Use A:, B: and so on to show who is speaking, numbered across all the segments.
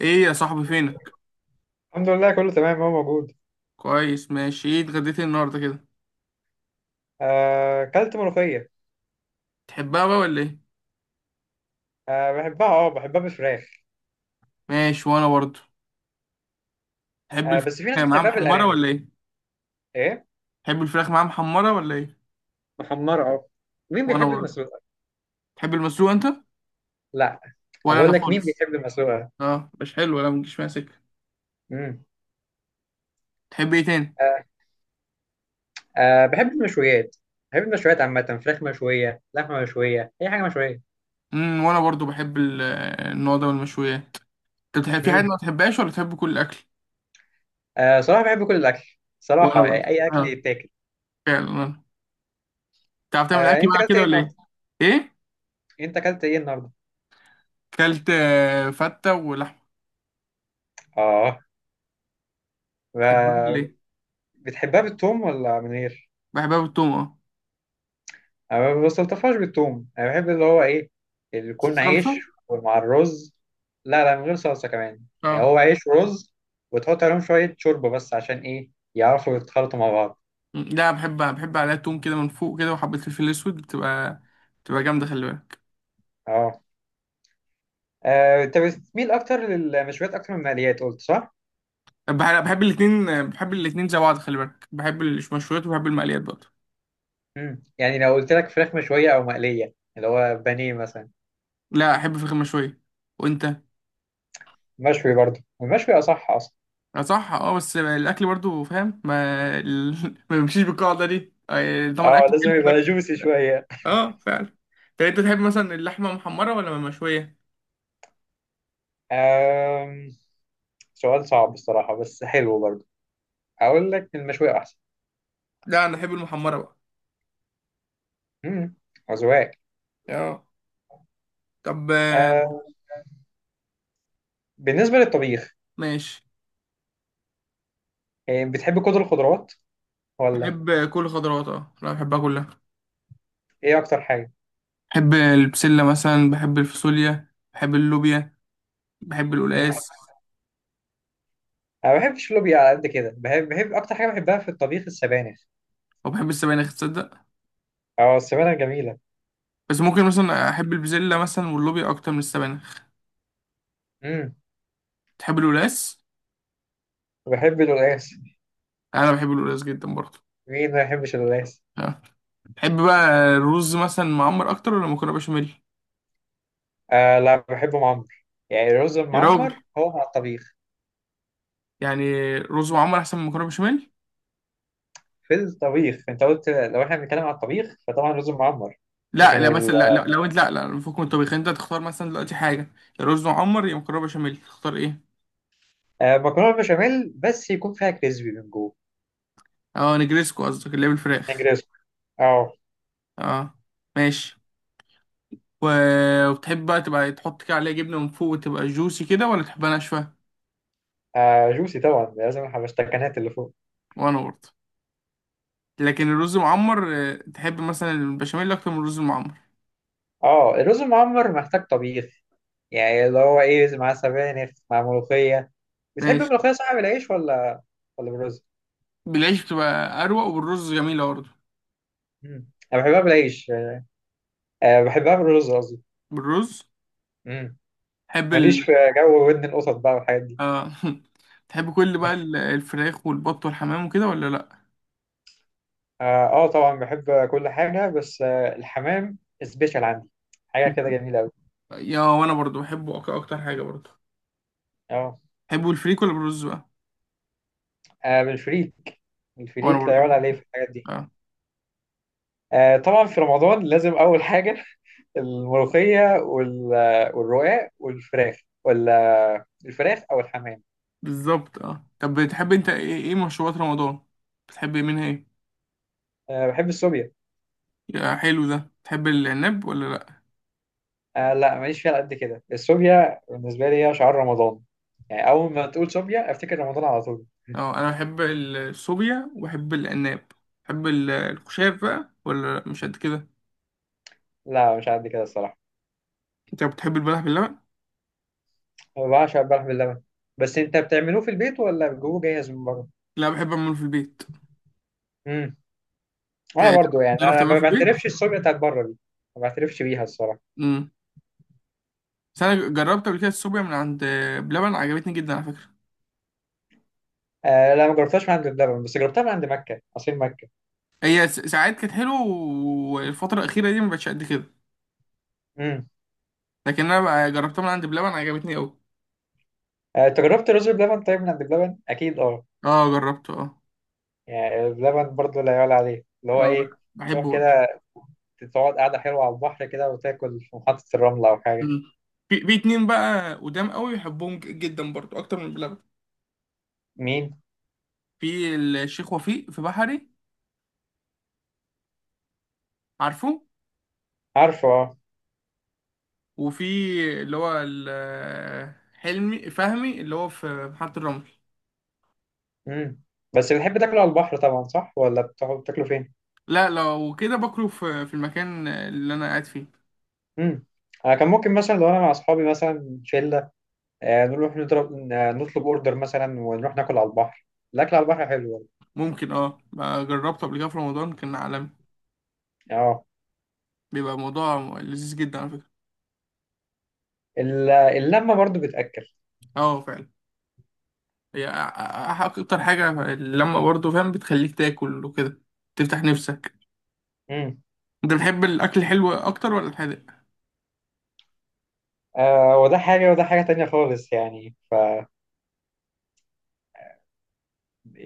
A: ايه يا صاحبي، فينك؟
B: الحمد لله، كله تمام. هو موجود.
A: كويس، ماشي. ايه اتغديت إيه النهارده كده؟
B: كلت ملوخية.
A: تحبها بقى ولا ايه؟
B: بحبها بالفراخ.
A: ماشي، وانا برضه. تحب الفراخ
B: بس في ناس
A: معاها
B: بتحبها
A: محمره
B: بالأرانب.
A: ولا ايه؟
B: ايه.
A: تحب الفراخ معاها محمره ولا ايه؟
B: محمرة. اه. مين
A: وانا
B: بيحب
A: برضه.
B: المسلوقة؟
A: تحب المسلوق انت؟
B: لا.
A: ولا انا
B: بقول لك مين
A: خالص.
B: بيحب المسلوقة؟
A: اه، مش حلو، ولا مجيش معايا سكه.
B: امم.
A: تحب ايه تاني؟
B: آه، بحب المشويات. بحب المشويات عامة، فراخ مشوية، لحمة مشوية، أي حاجة مشوية.
A: وانا برضه بحب النوع ده من المشويات. انت بتحب في حاجه
B: امم.
A: ما تحبهاش ولا تحب كل الاكل؟
B: صراحة بحب كل الأكل.
A: وانا
B: صراحة يعني
A: برضه
B: أي أكل
A: اه،
B: يتاكل.
A: فعلا. انا تعرف تعمل اكل
B: أنت
A: بقى
B: أكلت
A: كده
B: إيه
A: ولا ايه؟
B: النهاردة؟
A: ايه؟
B: أنت أكلت إيه النهاردة؟
A: كلت فته ولحمه.
B: آه.
A: تحبها ولا
B: ب-
A: ايه؟
B: بتحبها بالثوم ولا من غير؟
A: بحبها بالثوم اه.
B: أنا ما بستلطفهاش بالثوم، انا بحب اللي هو ايه، اللي يكون عيش
A: صلصه.
B: ومع الرز. لا، لا، من غير صلصه كمان، يعني
A: اه.
B: هو عيش ورز، وتحط عليهم شويه شوربه بس عشان ايه يعرفوا يتخلطوا مع بعض.
A: لا، بحب عليها توم كده من فوق كده، وحبة الفلفل الأسود بتبقى، بتبقى جامدة، خلي بالك.
B: اه. انت بتميل اكتر للمشويات اكتر من المقليات، قلت صح؟
A: بحب الاتنين، بحب الاتنين زي بعض، خلي بالك. بحب المشويات وبحب المقليات برضه.
B: امم. يعني لو قلت لك فراخ مشويه او مقليه اللي هو بانيه مثلا،
A: لا، أحب فراخ مشوية. وأنت؟
B: مشوي برضه، المشوي اصح اصلا.
A: اه صح اه، بس الأكل برضه فاهم ما ال... ما بيمشيش بالقاعدة دي. طبعا
B: اه،
A: أكل
B: لازم
A: حلو ده.
B: يبقى جوسي شويه.
A: اه فعلا. طب أنت تحب مثلا اللحمة محمرة ولا مشوية؟
B: آم، سؤال صعب الصراحه، بس حلو برضه. اقول لك المشوي احسن.
A: لا، أنا أحب المحمرة بقى.
B: امم. أذواق.
A: اه. طب
B: آه. بالنسبة للطبيخ،
A: ماشي.
B: بتحب كل الخضروات ولا؟
A: بحب كل خضروات اه، لا بحبها كلها.
B: ايه اكتر حاجة؟
A: بحب البسلة مثلا، بحب الفاصوليا، بحب اللوبيا، بحب
B: مم.
A: القلقاس.
B: انا ما بحبش اللوبيا على قد كده. بحب اكتر حاجة بحبها في الطبيخ السبانخ.
A: وبحب السبانخ، تصدق.
B: اه، السبانخ جميلة.
A: بس ممكن مثلا أحب البسلة مثلا واللوبيا أكتر من السبانخ.
B: امم.
A: تحب القلقاس؟
B: بحب القلقاس.
A: أنا بحب القلقاس جدا برضه.
B: مين ما يحبش القلقاس؟
A: آه. تحب بقى الرز مثلا معمر أكتر ولا مكرونة بشاميل؟
B: آه لا، بحبه معمر. يعني الرز
A: يا راجل،
B: المعمر هو مع الطبيخ.
A: يعني رز معمر أحسن من مكرونة بشاميل؟
B: في الطبيخ، انت قلت لو احنا بنتكلم على الطبيخ فطبعا الرز المعمر. لكن
A: لا لا مثلا، لا لا لو أنت، لا لا، فوق من الطبيخ أنت تختار مثلا دلوقتي حاجة، يا رز معمر يا مكرونة بشاميل، تختار إيه؟
B: المكرونة البشاميل بس يكون فيها كريسبي من جوه.
A: أه، نجريسكو قصدك اللي هي بالفراخ.
B: نجريسكو. اه.
A: أه، ماشي. و- وتحب بقى تبقى تحط كده عليها جبنة من فوق وتبقى جوسي كده، ولا تحبها ناشفة؟
B: جوسي طبعا، لازم الحبشتكنات اللي فوق.
A: وأنا برضه. لكن الرز المعمر، تحب مثلا البشاميل أكتر من الرز المعمر؟
B: اه، الرز المعمر محتاج طبيخ. يعني اللي هو ايه، مع سبانخ، مع ملوخية. بتحب
A: ماشي.
B: الملوخية صح، بالعيش ولا بالرز؟
A: بالعيش بتبقى أروق، وبالرز جميلة برضه.
B: مم. انا بحبها بالعيش. أه، بحبها بالرز قصدي.
A: بالرز.
B: مم.
A: تحب ال.
B: ماليش في جو ودن القطط بقى والحاجات دي.
A: آه. تحب كل بقى الفراخ والبط والحمام وكده، ولا لأ؟
B: اه. طبعا بحب كل حاجة، بس الحمام سبيشال عندي. حاجة كده جميلة أوي.
A: يا، وأنا برضه بحبه، أكتر حاجة برضه.
B: اه.
A: تحبه الفريك ولا بالرز بقى؟
B: بالفريك.
A: وأنا
B: الفريك لا
A: برضه
B: يعلى عليه في الحاجات دي.
A: اه.
B: طبعا في رمضان لازم أول حاجة الملوخية والرقاق والفراخ، ولا الفراخ أو الحمام.
A: بالظبط اه. طب بتحب أنت إيه، إيه مشروبات رمضان؟ بتحب منها إيه؟
B: أه، بحب السوبيا.
A: يا حلو ده، تحب العناب ولا لا؟
B: أه لا، ماليش فيها على قد كده. السوبيا بالنسبة لي هي شعار رمضان. يعني أول ما تقول سوبيا أفتكر رمضان على طول.
A: اه، انا بحب الصوبيا وبحب العناب. بحب الخشاف بقى ولا لأ؟ مش قد كده.
B: لا مش على قد كده الصراحة.
A: انت بتحب البلح باللبن؟
B: أنا بعشق البلح باللبن. بس أنت بتعملوه في البيت ولا بتجيبوه جاهز من بره؟
A: لا، بحب اعمله في البيت.
B: امم. وأنا
A: تا-
B: برضو، يعني
A: تعرف
B: أنا
A: تعمله
B: ما
A: في البيت.
B: بعترفش السوبيا بتاعت بره دي. ما بعترفش بيها الصراحة.
A: امم. بس انا جربت قبل كده الصوبيا من عند بلبن، عجبتني جدا على فكره.
B: أه لا، ما جربتهاش من عند بلبن، بس جربتها من عند مكة، عصير مكة.
A: هي ساعات كانت حلوه، والفتره الاخيره دي ما بقتش قد كده.
B: امم.
A: لكن انا بقى جربتها من عند بلبن، عجبتني قوي.
B: أه، أنت جربت رز بلبن طيب من عند بلبن؟ أكيد أه.
A: اه جربته اه.
B: يعني اللبن برضو لا يعلى عليه، اللي هو
A: اه،
B: ايه،
A: بحبه
B: تروح
A: برضه.
B: كده تقعد قاعدة حلوة على البحر كده، وتاكل في محطة الرمل أو حاجة.
A: أمم. في اتنين بقى قدام قوي بحبهم، جدا برضه اكتر من بلبن.
B: مين؟
A: في الشيخ وفيق في بحري، عارفه.
B: عارفه اه.
A: وفي اللي هو حلمي فهمي، اللي هو في محطة الرمل.
B: امم. بس بتحب تاكله على البحر طبعا، صح، ولا بتقعد تاكله فين؟
A: لا، لو كده باكله في المكان اللي انا قاعد فيه.
B: امم. أنا كان ممكن مثلا لو أنا مع أصحابي مثلا، شلة، نروح نضرب، نطلب أوردر مثلا ونروح ناكل على البحر. الأكل على البحر حلو برضه.
A: ممكن اه، بقى جربته قبل كده في رمضان، كان عالمي.
B: اه.
A: بيبقى موضوع لذيذ جدا على فكرة.
B: اللمة برضو بتأكل.
A: اه فعلا. هي اكتر حاجة لما برضه فاهم، بتخليك تاكل وكده، تفتح نفسك.
B: امم.
A: انت بتحب الاكل الحلو اكتر ولا الحادق؟
B: وده حاجة وده حاجة تانية خالص، يعني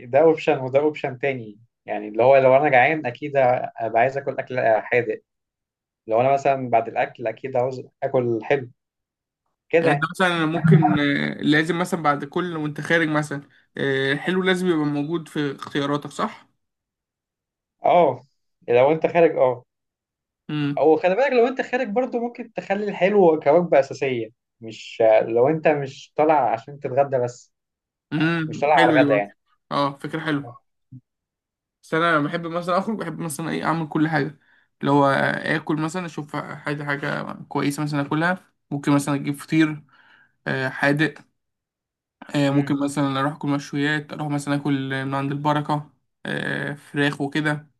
B: ده اوبشن وده اوبشن تاني. يعني اللي هو لو انا جعان اكيد ابقى عايز اكل حادق. لو انا مثلا بعد الاكل اكيد عاوز اكل حلو، كده
A: يعني انت
B: يعني.
A: مثلا، أنا ممكن لازم مثلا بعد كل وانت خارج مثلا، الحلو لازم يبقى موجود في اختياراتك، صح؟
B: اه. لو انت خارج اه.
A: امم.
B: او خلي بالك، لو انت خارج برضو ممكن تخلي الحلو كوجبة اساسية، مش لو انت مش طالع عشان تتغدى بس. مش طالع على
A: حلو دي
B: الغدا
A: برضه.
B: يعني.
A: اه، فكرة حلوة. بس انا بحب مثلا اخرج، بحب مثلا ايه، اعمل كل حاجة، اللي هو اكل مثلا، اشوف حاجة، حاجة كويسة مثلا اكلها. ممكن مثلا اجيب فطير حادق. ممكن
B: امم.
A: مثلا اروح اكل مشويات، اروح مثلا اكل من عند البركة، فراخ وكده.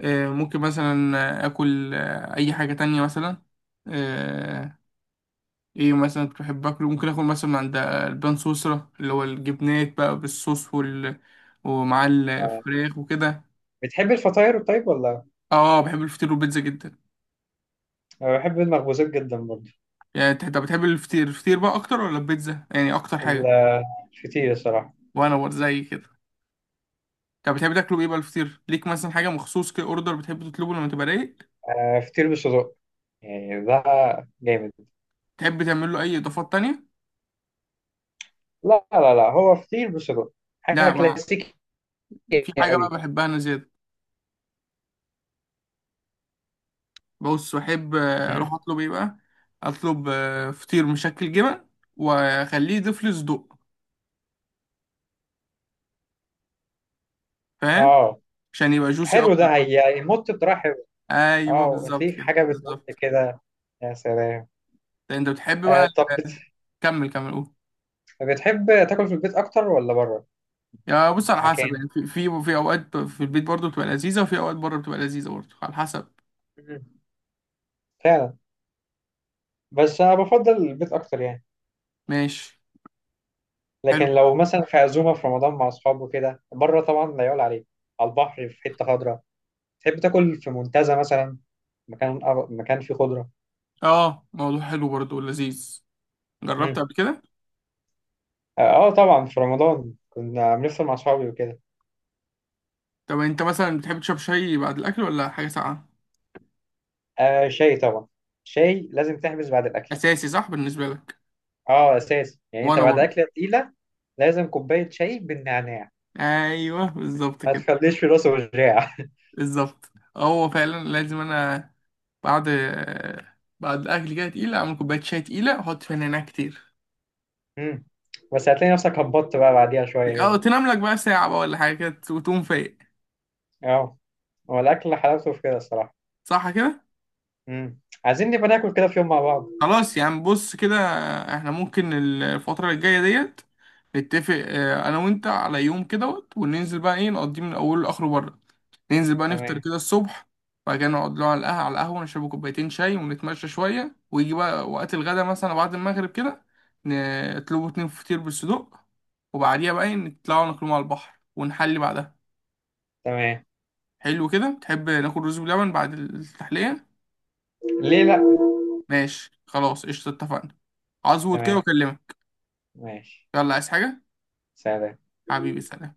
A: ممكن مثلا اكل اي حاجة تانية مثلا. آه، ايه مثلا كنت بحب اكله، ممكن اكل مثلا من عند البان سويسرا، اللي هو الجبنات بقى بالصوص ومع
B: آه.
A: الفراخ وكده.
B: بتحب الفطاير طيب ولا؟
A: اه، بحب الفطير والبيتزا جدا.
B: انا بحب المخبوزات جدا برضو.
A: يعني انت، أنت بتحب الفطير، الفطير بقى اكتر ولا البيتزا، يعني اكتر
B: ال-
A: حاجه؟
B: الفطير الصراحة.
A: وانا برضه زي كده. طب بتحب تاكله ايه بقى الفطير، ليك مثلا حاجه مخصوص كده، اوردر بتحب تطلبه لما تبقى رايق؟
B: فطير بالصدق، يعني ده جامد.
A: تحب تعمل له اي اضافات تانية؟
B: لا، لا، لا، هو فطير بصدق، حاجة
A: لا مع...
B: كلاسيكية.
A: في حاجه
B: قوي.
A: بقى بحبها انا زياده. بص، بحب اروح
B: مم.
A: اطلب ايه بقى، اطلب فطير مشكل جبن، واخليه يضيف لي صدق، فاهم،
B: اه
A: عشان يبقى جوسي
B: حلو
A: اكتر
B: ده،
A: بقى.
B: هيمط بطريقة حلوة.
A: ايوه،
B: اه،
A: بالظبط
B: هتلاقيه
A: كده،
B: حاجة بتمط
A: بالظبط.
B: كده. يا سلام.
A: ده انت بتحب بقى
B: طب
A: ال- كمل كمل، قول.
B: بتحب تاكل في البيت أكتر ولا بره؟
A: يا، بص، على حسب
B: مكان.
A: يعني، في في اوقات في البيت برضه بتبقى لذيذه، وفي اوقات بره بتبقى لذيذه برضه، على حسب.
B: مم. فعلا. بس أنا بفضل البيت أكتر يعني.
A: ماشي. حلو.
B: لكن لو مثلا في عزومة في رمضان مع أصحابه كده بره، طبعا لا يعلى عليه. على البحر في حتة خضراء. تحب تاكل في منتزه مثلا، مكان، مكان فيه خضرة.
A: اه، موضوع حلو برضه ولذيذ. جربت
B: مم.
A: قبل كده.
B: اه. طبعا في رمضان كنا بنفطر مع اصحابي وكده.
A: طب انت مثلا بتحب تشرب شاي بعد الاكل ولا حاجه ساقعه؟
B: شاي طبعا. شاي لازم تحبس بعد الاكل.
A: اساسي صح بالنسبه لك؟
B: اه اساس، يعني انت
A: وانا
B: بعد
A: برضه.
B: اكله تقيله لازم كوبايه شاي بالنعناع.
A: ايوه بالظبط
B: ما
A: كده،
B: تخليش في راسه وجاع.
A: بالظبط. هو فعلا لازم، انا بعد، الاكل كده تقيله، اعمل كوبايه شاي تقيله، احط فيها نعناع كتير.
B: مم. بس هتلاقي نفسك هبطت بقى بعديها شويه
A: او
B: كده.
A: تنام لك بقى ساعه بقى ولا حاجه كده وتقوم فايق.
B: اه. هو الاكل حلاوته في كده الصراحه.
A: صح كده.
B: مم. عايزين نبقى ناكل كده في يوم مع بعض.
A: خلاص يعني، بص كده، احنا ممكن الفتره الجايه ديت نتفق انا وانت على يوم كده، وننزل بقى ايه، نقضيه من اوله لاخره بره. ننزل بقى نفطر
B: تمام.
A: كده الصبح، وبعد كده نقعد له على القهوة، على القهوة نشرب كوبايتين شاي، ونتمشى شوية، ويجي بقى وقت الغدا مثلا بعد المغرب كده، نطلبوا اتنين فطير بالصدوق، وبعديها بقى نطلعوا ناكلهم على البحر، ونحلي بعدها.
B: تمام.
A: حلو كده. تحب ناكل رز بلبن بعد التحلية؟
B: ليه لا.
A: ماشي، خلاص، قشطة، اتفقنا. هظبط كده
B: تمام.
A: واكلمك.
B: ماشي.
A: يلا، عايز حاجة؟
B: سلام.
A: حبيبي، سلام.